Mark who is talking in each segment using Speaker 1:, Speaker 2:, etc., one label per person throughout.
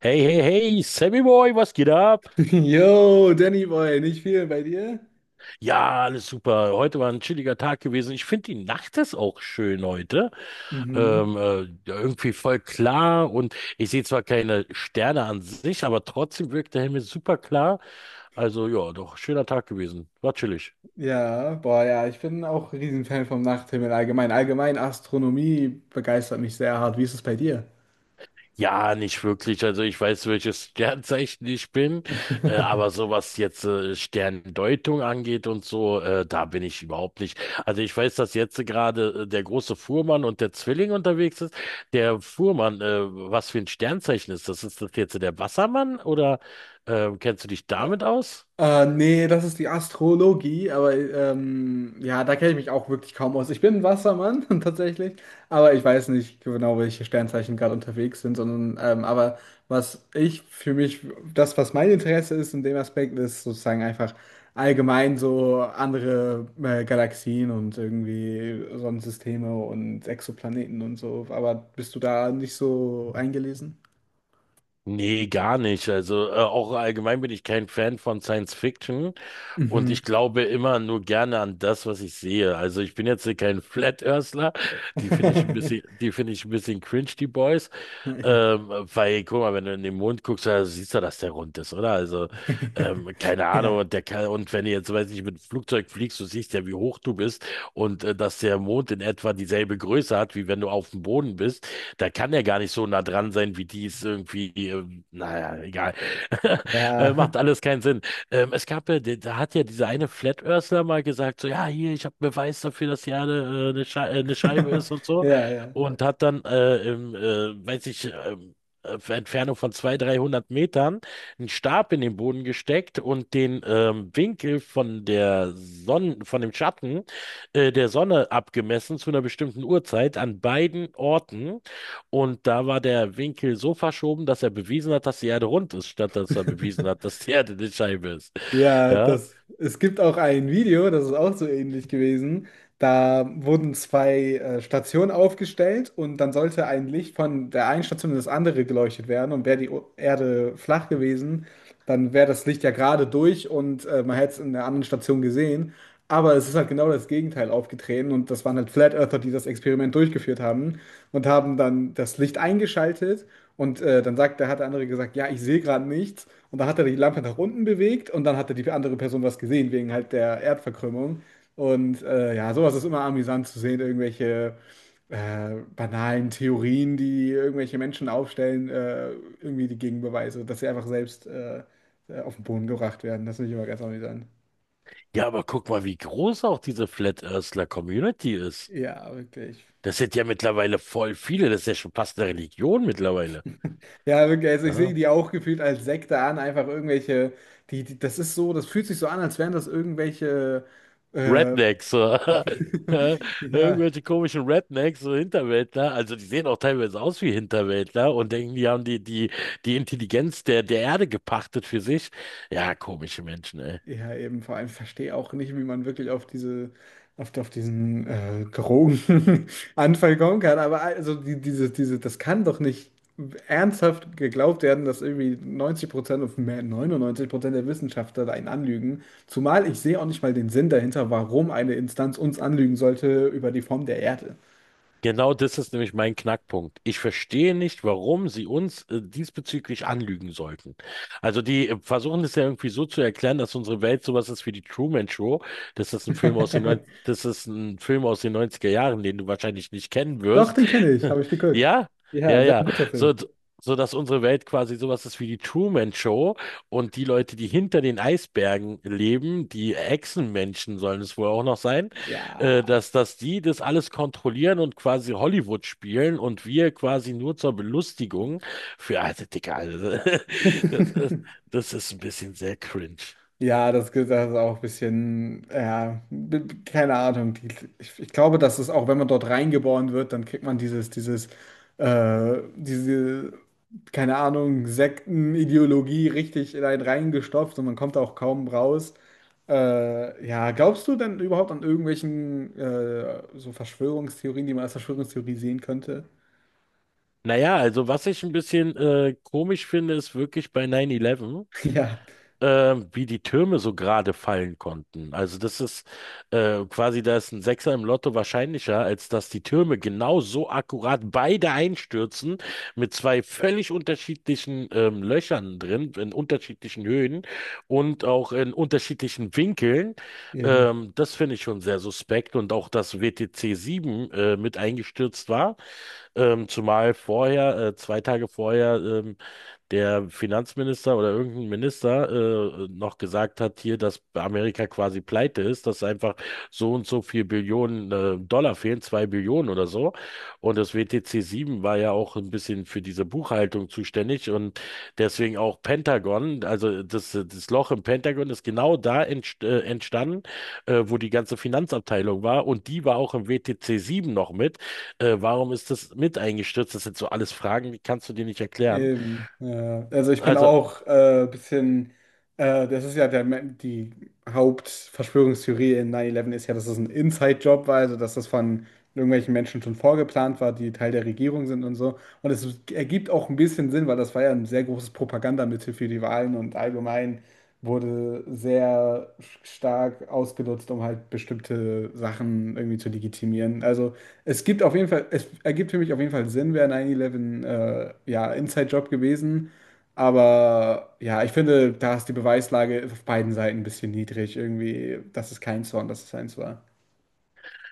Speaker 1: Hey, hey, hey, Sammy Boy, was geht ab?
Speaker 2: Yo, Danny Boy, nicht viel bei dir?
Speaker 1: Ja, alles super. Heute war ein chilliger Tag gewesen. Ich finde, die Nacht ist auch schön heute.
Speaker 2: Mhm.
Speaker 1: Ja, irgendwie voll klar und ich sehe zwar keine Sterne an sich, aber trotzdem wirkt der Himmel super klar. Also ja, doch, schöner Tag gewesen. War chillig.
Speaker 2: Ja, boah, ja, ich bin auch ein Riesenfan vom Nachthimmel allgemein. Allgemein Astronomie begeistert mich sehr hart. Wie ist es bei dir?
Speaker 1: Ja, nicht wirklich. Also ich weiß, welches Sternzeichen ich bin, aber so was jetzt Sterndeutung angeht und so, da bin ich überhaupt nicht. Also ich weiß, dass jetzt gerade der große Fuhrmann und der Zwilling unterwegs ist. Der Fuhrmann, was für ein Sternzeichen ist das? Ist das jetzt der Wassermann oder kennst du dich damit aus?
Speaker 2: Nee, das ist die Astrologie, aber ja, da kenne ich mich auch wirklich kaum aus. Ich bin ein Wassermann tatsächlich, aber ich weiß nicht genau, welche Sternzeichen gerade unterwegs sind, sondern aber was ich für mich, das, was mein Interesse ist in dem Aspekt, ist sozusagen einfach allgemein so andere Galaxien und irgendwie Sonnensysteme und Exoplaneten und so. Aber bist du da nicht so eingelesen?
Speaker 1: Nee, gar nicht. Also auch allgemein bin ich kein Fan von Science Fiction und
Speaker 2: Mhm.
Speaker 1: ich glaube immer nur gerne an das, was ich sehe. Also ich bin jetzt hier kein Flat Earthler, die finde ich ein bisschen cringe, die Boys.
Speaker 2: Ja.
Speaker 1: Ähm, weil, guck mal, wenn du in den Mond guckst, da siehst du, dass der rund ist, oder? Also, keine Ahnung,
Speaker 2: Ja.
Speaker 1: und der kann, und wenn du jetzt, weiß ich, mit dem Flugzeug fliegst, du siehst ja, wie hoch du bist und dass der Mond in etwa dieselbe Größe hat, wie wenn du auf dem Boden bist, da kann er gar nicht so nah dran sein, wie die es irgendwie, naja, egal.
Speaker 2: Ja,
Speaker 1: Macht alles keinen Sinn. Es gab ja, da hat ja dieser eine Flat Earthler mal gesagt, so, ja, hier, ich habe Beweis dafür, dass die Erde eine Scheibe ist und so.
Speaker 2: ja, ja.
Speaker 1: Und hat dann, weiß ich, auf Entfernung von 200, 300 Metern einen Stab in den Boden gesteckt und den Winkel von der Sonne, von dem Schatten der Sonne abgemessen zu einer bestimmten Uhrzeit an beiden Orten. Und da war der Winkel so verschoben, dass er bewiesen hat, dass die Erde rund ist, statt dass er bewiesen hat, dass die Erde eine Scheibe ist.
Speaker 2: Ja,
Speaker 1: Ja,
Speaker 2: das, es gibt auch ein Video, das ist auch so ähnlich gewesen. Da wurden zwei Stationen aufgestellt und dann sollte ein Licht von der einen Station in das andere geleuchtet werden. Und wäre die Erde flach gewesen, dann wäre das Licht ja gerade durch und man hätte es in der anderen Station gesehen. Aber es ist halt genau das Gegenteil aufgetreten und das waren halt Flat Earther, die das Experiment durchgeführt haben und haben dann das Licht eingeschaltet und dann sagt, da hat der andere gesagt, ja, ich sehe gerade nichts und dann hat er die Lampe nach unten bewegt und dann hatte die andere Person was gesehen wegen halt der Erdverkrümmung und ja, sowas ist immer amüsant zu sehen, irgendwelche banalen Theorien, die irgendwelche Menschen aufstellen, irgendwie die Gegenbeweise, dass sie einfach selbst auf den Boden gebracht werden. Das finde ich immer ganz amüsant.
Speaker 1: ja, aber guck mal, wie groß auch diese Flat Earthler Community ist.
Speaker 2: Ja, wirklich.
Speaker 1: Das sind ja mittlerweile voll viele. Das ist ja schon fast eine Religion mittlerweile.
Speaker 2: Ja, wirklich, also ich
Speaker 1: Ja.
Speaker 2: sehe die auch gefühlt als Sekte an, einfach irgendwelche, das ist so, das fühlt sich so an, als wären das irgendwelche, äh,
Speaker 1: Rednecks, so.
Speaker 2: ja,
Speaker 1: Irgendwelche komischen Rednecks, so Hinterwäldler. Also die sehen auch teilweise aus wie Hinterwäldler und denken, die haben die Intelligenz der Erde gepachtet für sich. Ja, komische Menschen, ey.
Speaker 2: ja, eben, vor allem verstehe auch nicht, wie man wirklich auf diese, auf diesen Drogenanfall kommen kann, aber also die, das kann doch nicht ernsthaft geglaubt werden, dass irgendwie 90% und mehr 99% der Wissenschaftler einen anlügen. Zumal ich sehe auch nicht mal den Sinn dahinter, warum eine Instanz uns anlügen sollte über die Form der Erde.
Speaker 1: Genau das ist nämlich mein Knackpunkt. Ich verstehe nicht, warum sie uns diesbezüglich anlügen sollten. Also die versuchen es ja irgendwie so zu erklären, dass unsere Welt sowas ist wie die Truman Show. Das ist ein Film aus den 90, das ist ein Film aus den 90er Jahren, den du wahrscheinlich nicht kennen
Speaker 2: Doch,
Speaker 1: wirst.
Speaker 2: den kenne ich, habe ich geguckt.
Speaker 1: Ja,
Speaker 2: Ja,
Speaker 1: ja,
Speaker 2: sehr
Speaker 1: ja.
Speaker 2: guter
Speaker 1: So,
Speaker 2: Film.
Speaker 1: so dass unsere Welt quasi sowas ist wie die Truman Show und die Leute, die hinter den Eisbergen leben, die Echsenmenschen sollen es wohl auch noch sein,
Speaker 2: Ja.
Speaker 1: dass die das alles kontrollieren und quasi Hollywood spielen und wir quasi nur zur Belustigung für, also Dicker, also, das ist, das ist ein bisschen sehr cringe.
Speaker 2: Ja, das ist auch ein bisschen, ja, keine Ahnung. Ich glaube, dass es auch, wenn man dort reingeboren wird, dann kriegt man dieses, äh, diese, keine Ahnung, Sektenideologie richtig in einen reingestopft und man kommt da auch kaum raus. Ja, glaubst du denn überhaupt an irgendwelchen so Verschwörungstheorien, die man als Verschwörungstheorie sehen könnte?
Speaker 1: Naja, also was ich ein bisschen komisch finde, ist wirklich bei 9-11.
Speaker 2: Ja.
Speaker 1: Wie die Türme so gerade fallen konnten. Also das ist quasi, da ist ein Sechser im Lotto wahrscheinlicher, als dass die Türme genau so akkurat beide einstürzen, mit zwei völlig unterschiedlichen Löchern drin, in unterschiedlichen Höhen und auch in unterschiedlichen Winkeln.
Speaker 2: Eben,
Speaker 1: Das finde ich schon sehr suspekt und auch, dass WTC 7 mit eingestürzt war, zumal vorher, zwei Tage vorher, der Finanzminister oder irgendein Minister noch gesagt hat hier, dass Amerika quasi pleite ist, dass einfach so und so viel Billionen Dollar fehlen, zwei Billionen oder so. Und das WTC 7 war ja auch ein bisschen für diese Buchhaltung zuständig und deswegen auch Pentagon, also das Loch im Pentagon ist genau da entstanden, wo die ganze Finanzabteilung war und die war auch im WTC 7 noch mit. Warum ist das mit eingestürzt? Das sind so alles Fragen, die kannst du dir nicht erklären.
Speaker 2: eben. Ja. Also ich bin
Speaker 1: Also,
Speaker 2: auch ein bisschen. Das ist ja die Hauptverschwörungstheorie in 9-11 ist ja, dass es ein Inside-Job war, also dass das von irgendwelchen Menschen schon vorgeplant war, die Teil der Regierung sind und so. Und es ergibt auch ein bisschen Sinn, weil das war ja ein sehr großes Propagandamittel für die Wahlen und allgemein wurde sehr stark ausgenutzt, um halt bestimmte Sachen irgendwie zu legitimieren. Also es gibt auf jeden Fall, es ergibt für mich auf jeden Fall Sinn, wäre 9-11 ja Inside-Job gewesen. Aber ja, ich finde, da ist die Beweislage auf beiden Seiten ein bisschen niedrig. Irgendwie, das ist kein Zorn, dass es eins war.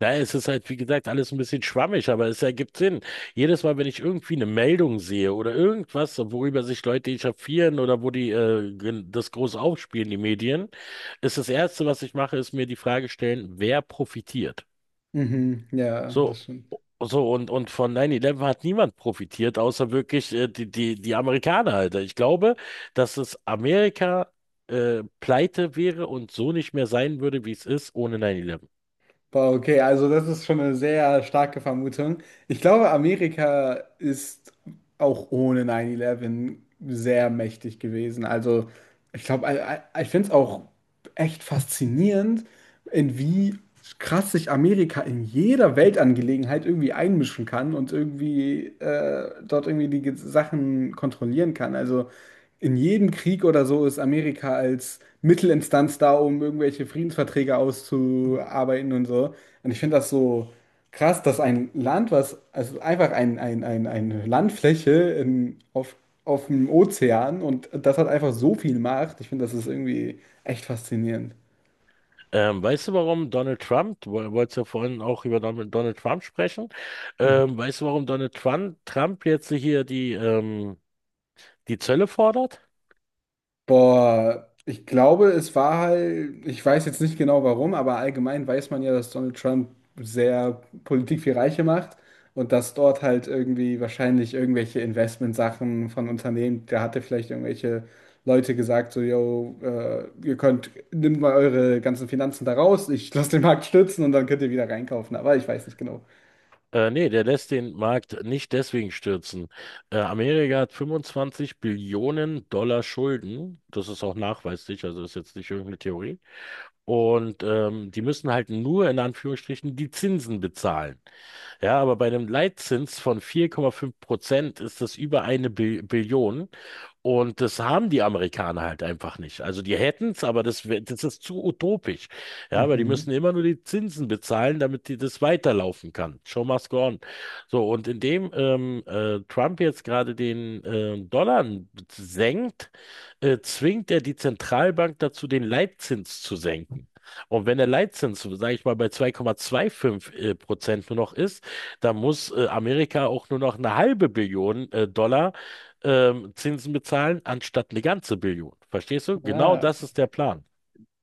Speaker 1: ja, es ist halt, wie gesagt, alles ein bisschen schwammig, aber es ergibt Sinn. Jedes Mal, wenn ich irgendwie eine Meldung sehe oder irgendwas, worüber sich Leute echauffieren oder wo die das groß aufspielen, die Medien, ist das Erste, was ich mache, ist mir die Frage stellen, wer profitiert?
Speaker 2: Mhm, ja, das
Speaker 1: So,
Speaker 2: stimmt.
Speaker 1: so, und von 9-11 hat niemand profitiert, außer wirklich die Amerikaner, Alter. Ich glaube, dass es Amerika pleite wäre und so nicht mehr sein würde, wie es ist, ohne 9-11.
Speaker 2: Boah, okay, also das ist schon eine sehr starke Vermutung. Ich glaube, Amerika ist auch ohne 9-11 sehr mächtig gewesen. Also ich glaube, ich finde es auch echt faszinierend, in wie krass sich Amerika in jeder Weltangelegenheit irgendwie einmischen kann und irgendwie dort irgendwie die Sachen kontrollieren kann. Also in jedem Krieg oder so ist Amerika als Mittelinstanz da, um irgendwelche Friedensverträge auszuarbeiten und so. Und ich finde das so. Krass, dass ein Land, was, also einfach eine Landfläche auf dem Ozean und das hat einfach so viel Macht. Ich finde, das ist irgendwie echt faszinierend.
Speaker 1: Weißt du, warum Donald Trump, wolltest ja vorhin auch über Donald Trump sprechen, weißt du, warum Trump jetzt hier die, die Zölle fordert?
Speaker 2: Boah, ich glaube, es war halt, ich weiß jetzt nicht genau warum, aber allgemein weiß man ja, dass Donald Trump sehr Politik für Reiche macht und dass dort halt irgendwie wahrscheinlich irgendwelche Investmentsachen von Unternehmen, da hatte vielleicht irgendwelche Leute gesagt, so, yo, ihr könnt, nimmt mal eure ganzen Finanzen da raus, ich lasse den Markt stürzen und dann könnt ihr wieder reinkaufen, aber ich weiß nicht genau.
Speaker 1: Nee, der lässt den Markt nicht deswegen stürzen. Amerika hat 25 Billionen Dollar Schulden. Das ist auch nachweislich, also ist jetzt nicht irgendeine Theorie. Und die müssen halt nur in Anführungsstrichen die Zinsen bezahlen. Ja, aber bei einem Leitzins von 4,5% ist das über eine Bi Billion. Und das haben die Amerikaner halt einfach nicht. Also die hätten es, aber das ist zu utopisch. Ja, aber die
Speaker 2: Mhm.
Speaker 1: müssen immer nur die Zinsen bezahlen, damit die das weiterlaufen kann. Show must go on. So, und indem Trump jetzt gerade den Dollar senkt, zwingt er die Zentralbank dazu, den Leitzins zu senken. Und wenn der Leitzins, sage ich mal, bei 2,25 Prozent nur noch ist, dann muss Amerika auch nur noch eine halbe Billion Dollar Zinsen bezahlen, anstatt eine ganze Billion. Verstehst du? Genau
Speaker 2: Ah,
Speaker 1: das ist der Plan.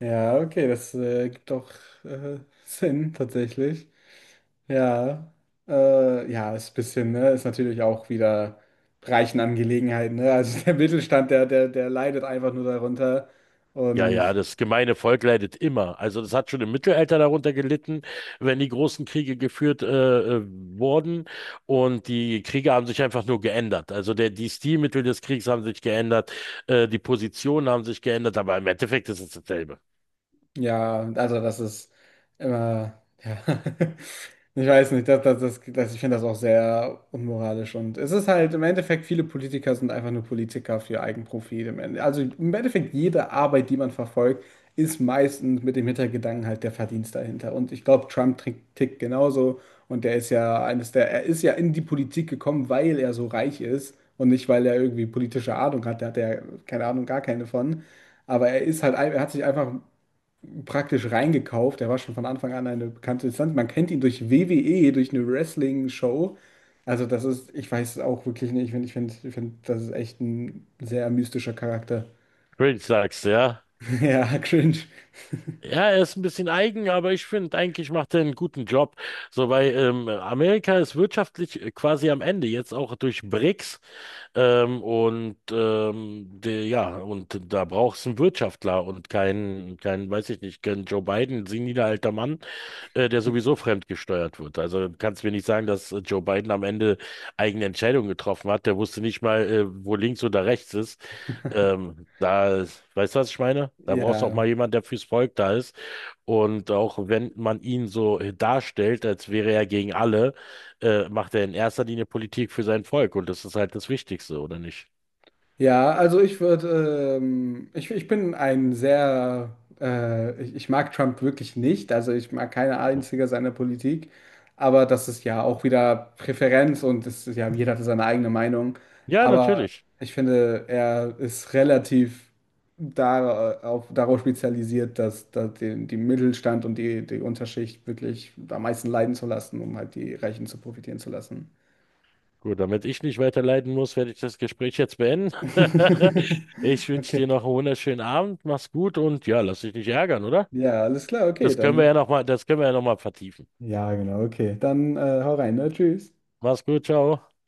Speaker 2: ja, okay, das gibt doch äh, Sinn tatsächlich. Ja, ja, ist ein bisschen, ne, ist natürlich auch wieder reichen Angelegenheiten, ne? Also der Mittelstand, der leidet einfach nur darunter.
Speaker 1: Ja,
Speaker 2: Und
Speaker 1: ja, das gemeine Volk leidet immer. Also das hat schon im Mittelalter darunter gelitten, wenn die großen Kriege geführt wurden und die Kriege haben sich einfach nur geändert. Also die Stilmittel des Kriegs haben sich geändert, die Positionen haben sich geändert, aber im Endeffekt ist es dasselbe.
Speaker 2: ja, also das ist immer, ja, ich weiß nicht, das, ich finde das auch sehr unmoralisch und es ist halt im Endeffekt, viele Politiker sind einfach nur Politiker für Eigenprofit im Ende. Also im Endeffekt, jede Arbeit, die man verfolgt, ist meistens mit dem Hintergedanken halt der Verdienst dahinter. Und ich glaube, tickt genauso und der ist ja eines der, er ist ja in die Politik gekommen, weil er so reich ist und nicht, weil er irgendwie politische Ahnung hat. Da hat er, keine Ahnung, gar keine von. Aber er ist halt, er hat sich einfach praktisch reingekauft. Er war schon von Anfang an eine bekannte Instanz. Man kennt ihn durch WWE, durch eine Wrestling-Show. Also das ist, ich weiß es auch wirklich nicht. Ich find, das ist echt ein sehr mystischer Charakter.
Speaker 1: Cringe sagst du, ja?
Speaker 2: Ja, cringe.
Speaker 1: Ja, er ist ein bisschen eigen, aber ich finde, eigentlich macht er einen guten Job. So, weil Amerika ist wirtschaftlich quasi am Ende, jetzt auch durch BRICS. Ja, und da brauchst du einen Wirtschaftler und keinen, keinen, weiß ich nicht, keinen Joe Biden, seniler alter Mann, der sowieso fremdgesteuert wird. Also du kannst mir nicht sagen, dass Joe Biden am Ende eigene Entscheidungen getroffen hat. Der wusste nicht mal, wo links oder rechts ist. Ähm, da, Weißt du, was ich meine? Da brauchst du auch
Speaker 2: Ja.
Speaker 1: mal jemand, der fürs Volk da ist und auch wenn man ihn so darstellt, als wäre er gegen alle, macht er in erster Linie Politik für sein Volk. Und das ist halt das Wichtigste, oder nicht?
Speaker 2: Ja, also ich würde, ich bin ein sehr, ich mag Trump wirklich nicht, also ich mag keine einzige seiner Politik, aber das ist ja auch wieder Präferenz und es ist ja, jeder hat seine eigene Meinung,
Speaker 1: Ja,
Speaker 2: aber
Speaker 1: natürlich.
Speaker 2: ich finde, er ist relativ da auf, darauf spezialisiert, dass den, die Mittelstand und die Unterschicht wirklich am meisten leiden zu lassen, um halt die Reichen zu profitieren zu lassen.
Speaker 1: Gut, damit ich nicht weiter leiden muss, werde ich das Gespräch jetzt beenden. Ich wünsche
Speaker 2: Okay.
Speaker 1: dir noch einen wunderschönen Abend. Mach's gut und ja, lass dich nicht ärgern, oder?
Speaker 2: Ja, alles klar, okay, dann.
Speaker 1: Das können wir ja noch mal vertiefen.
Speaker 2: Ja, genau, okay. Dann hau rein, ne? Tschüss.
Speaker 1: Mach's gut, ciao.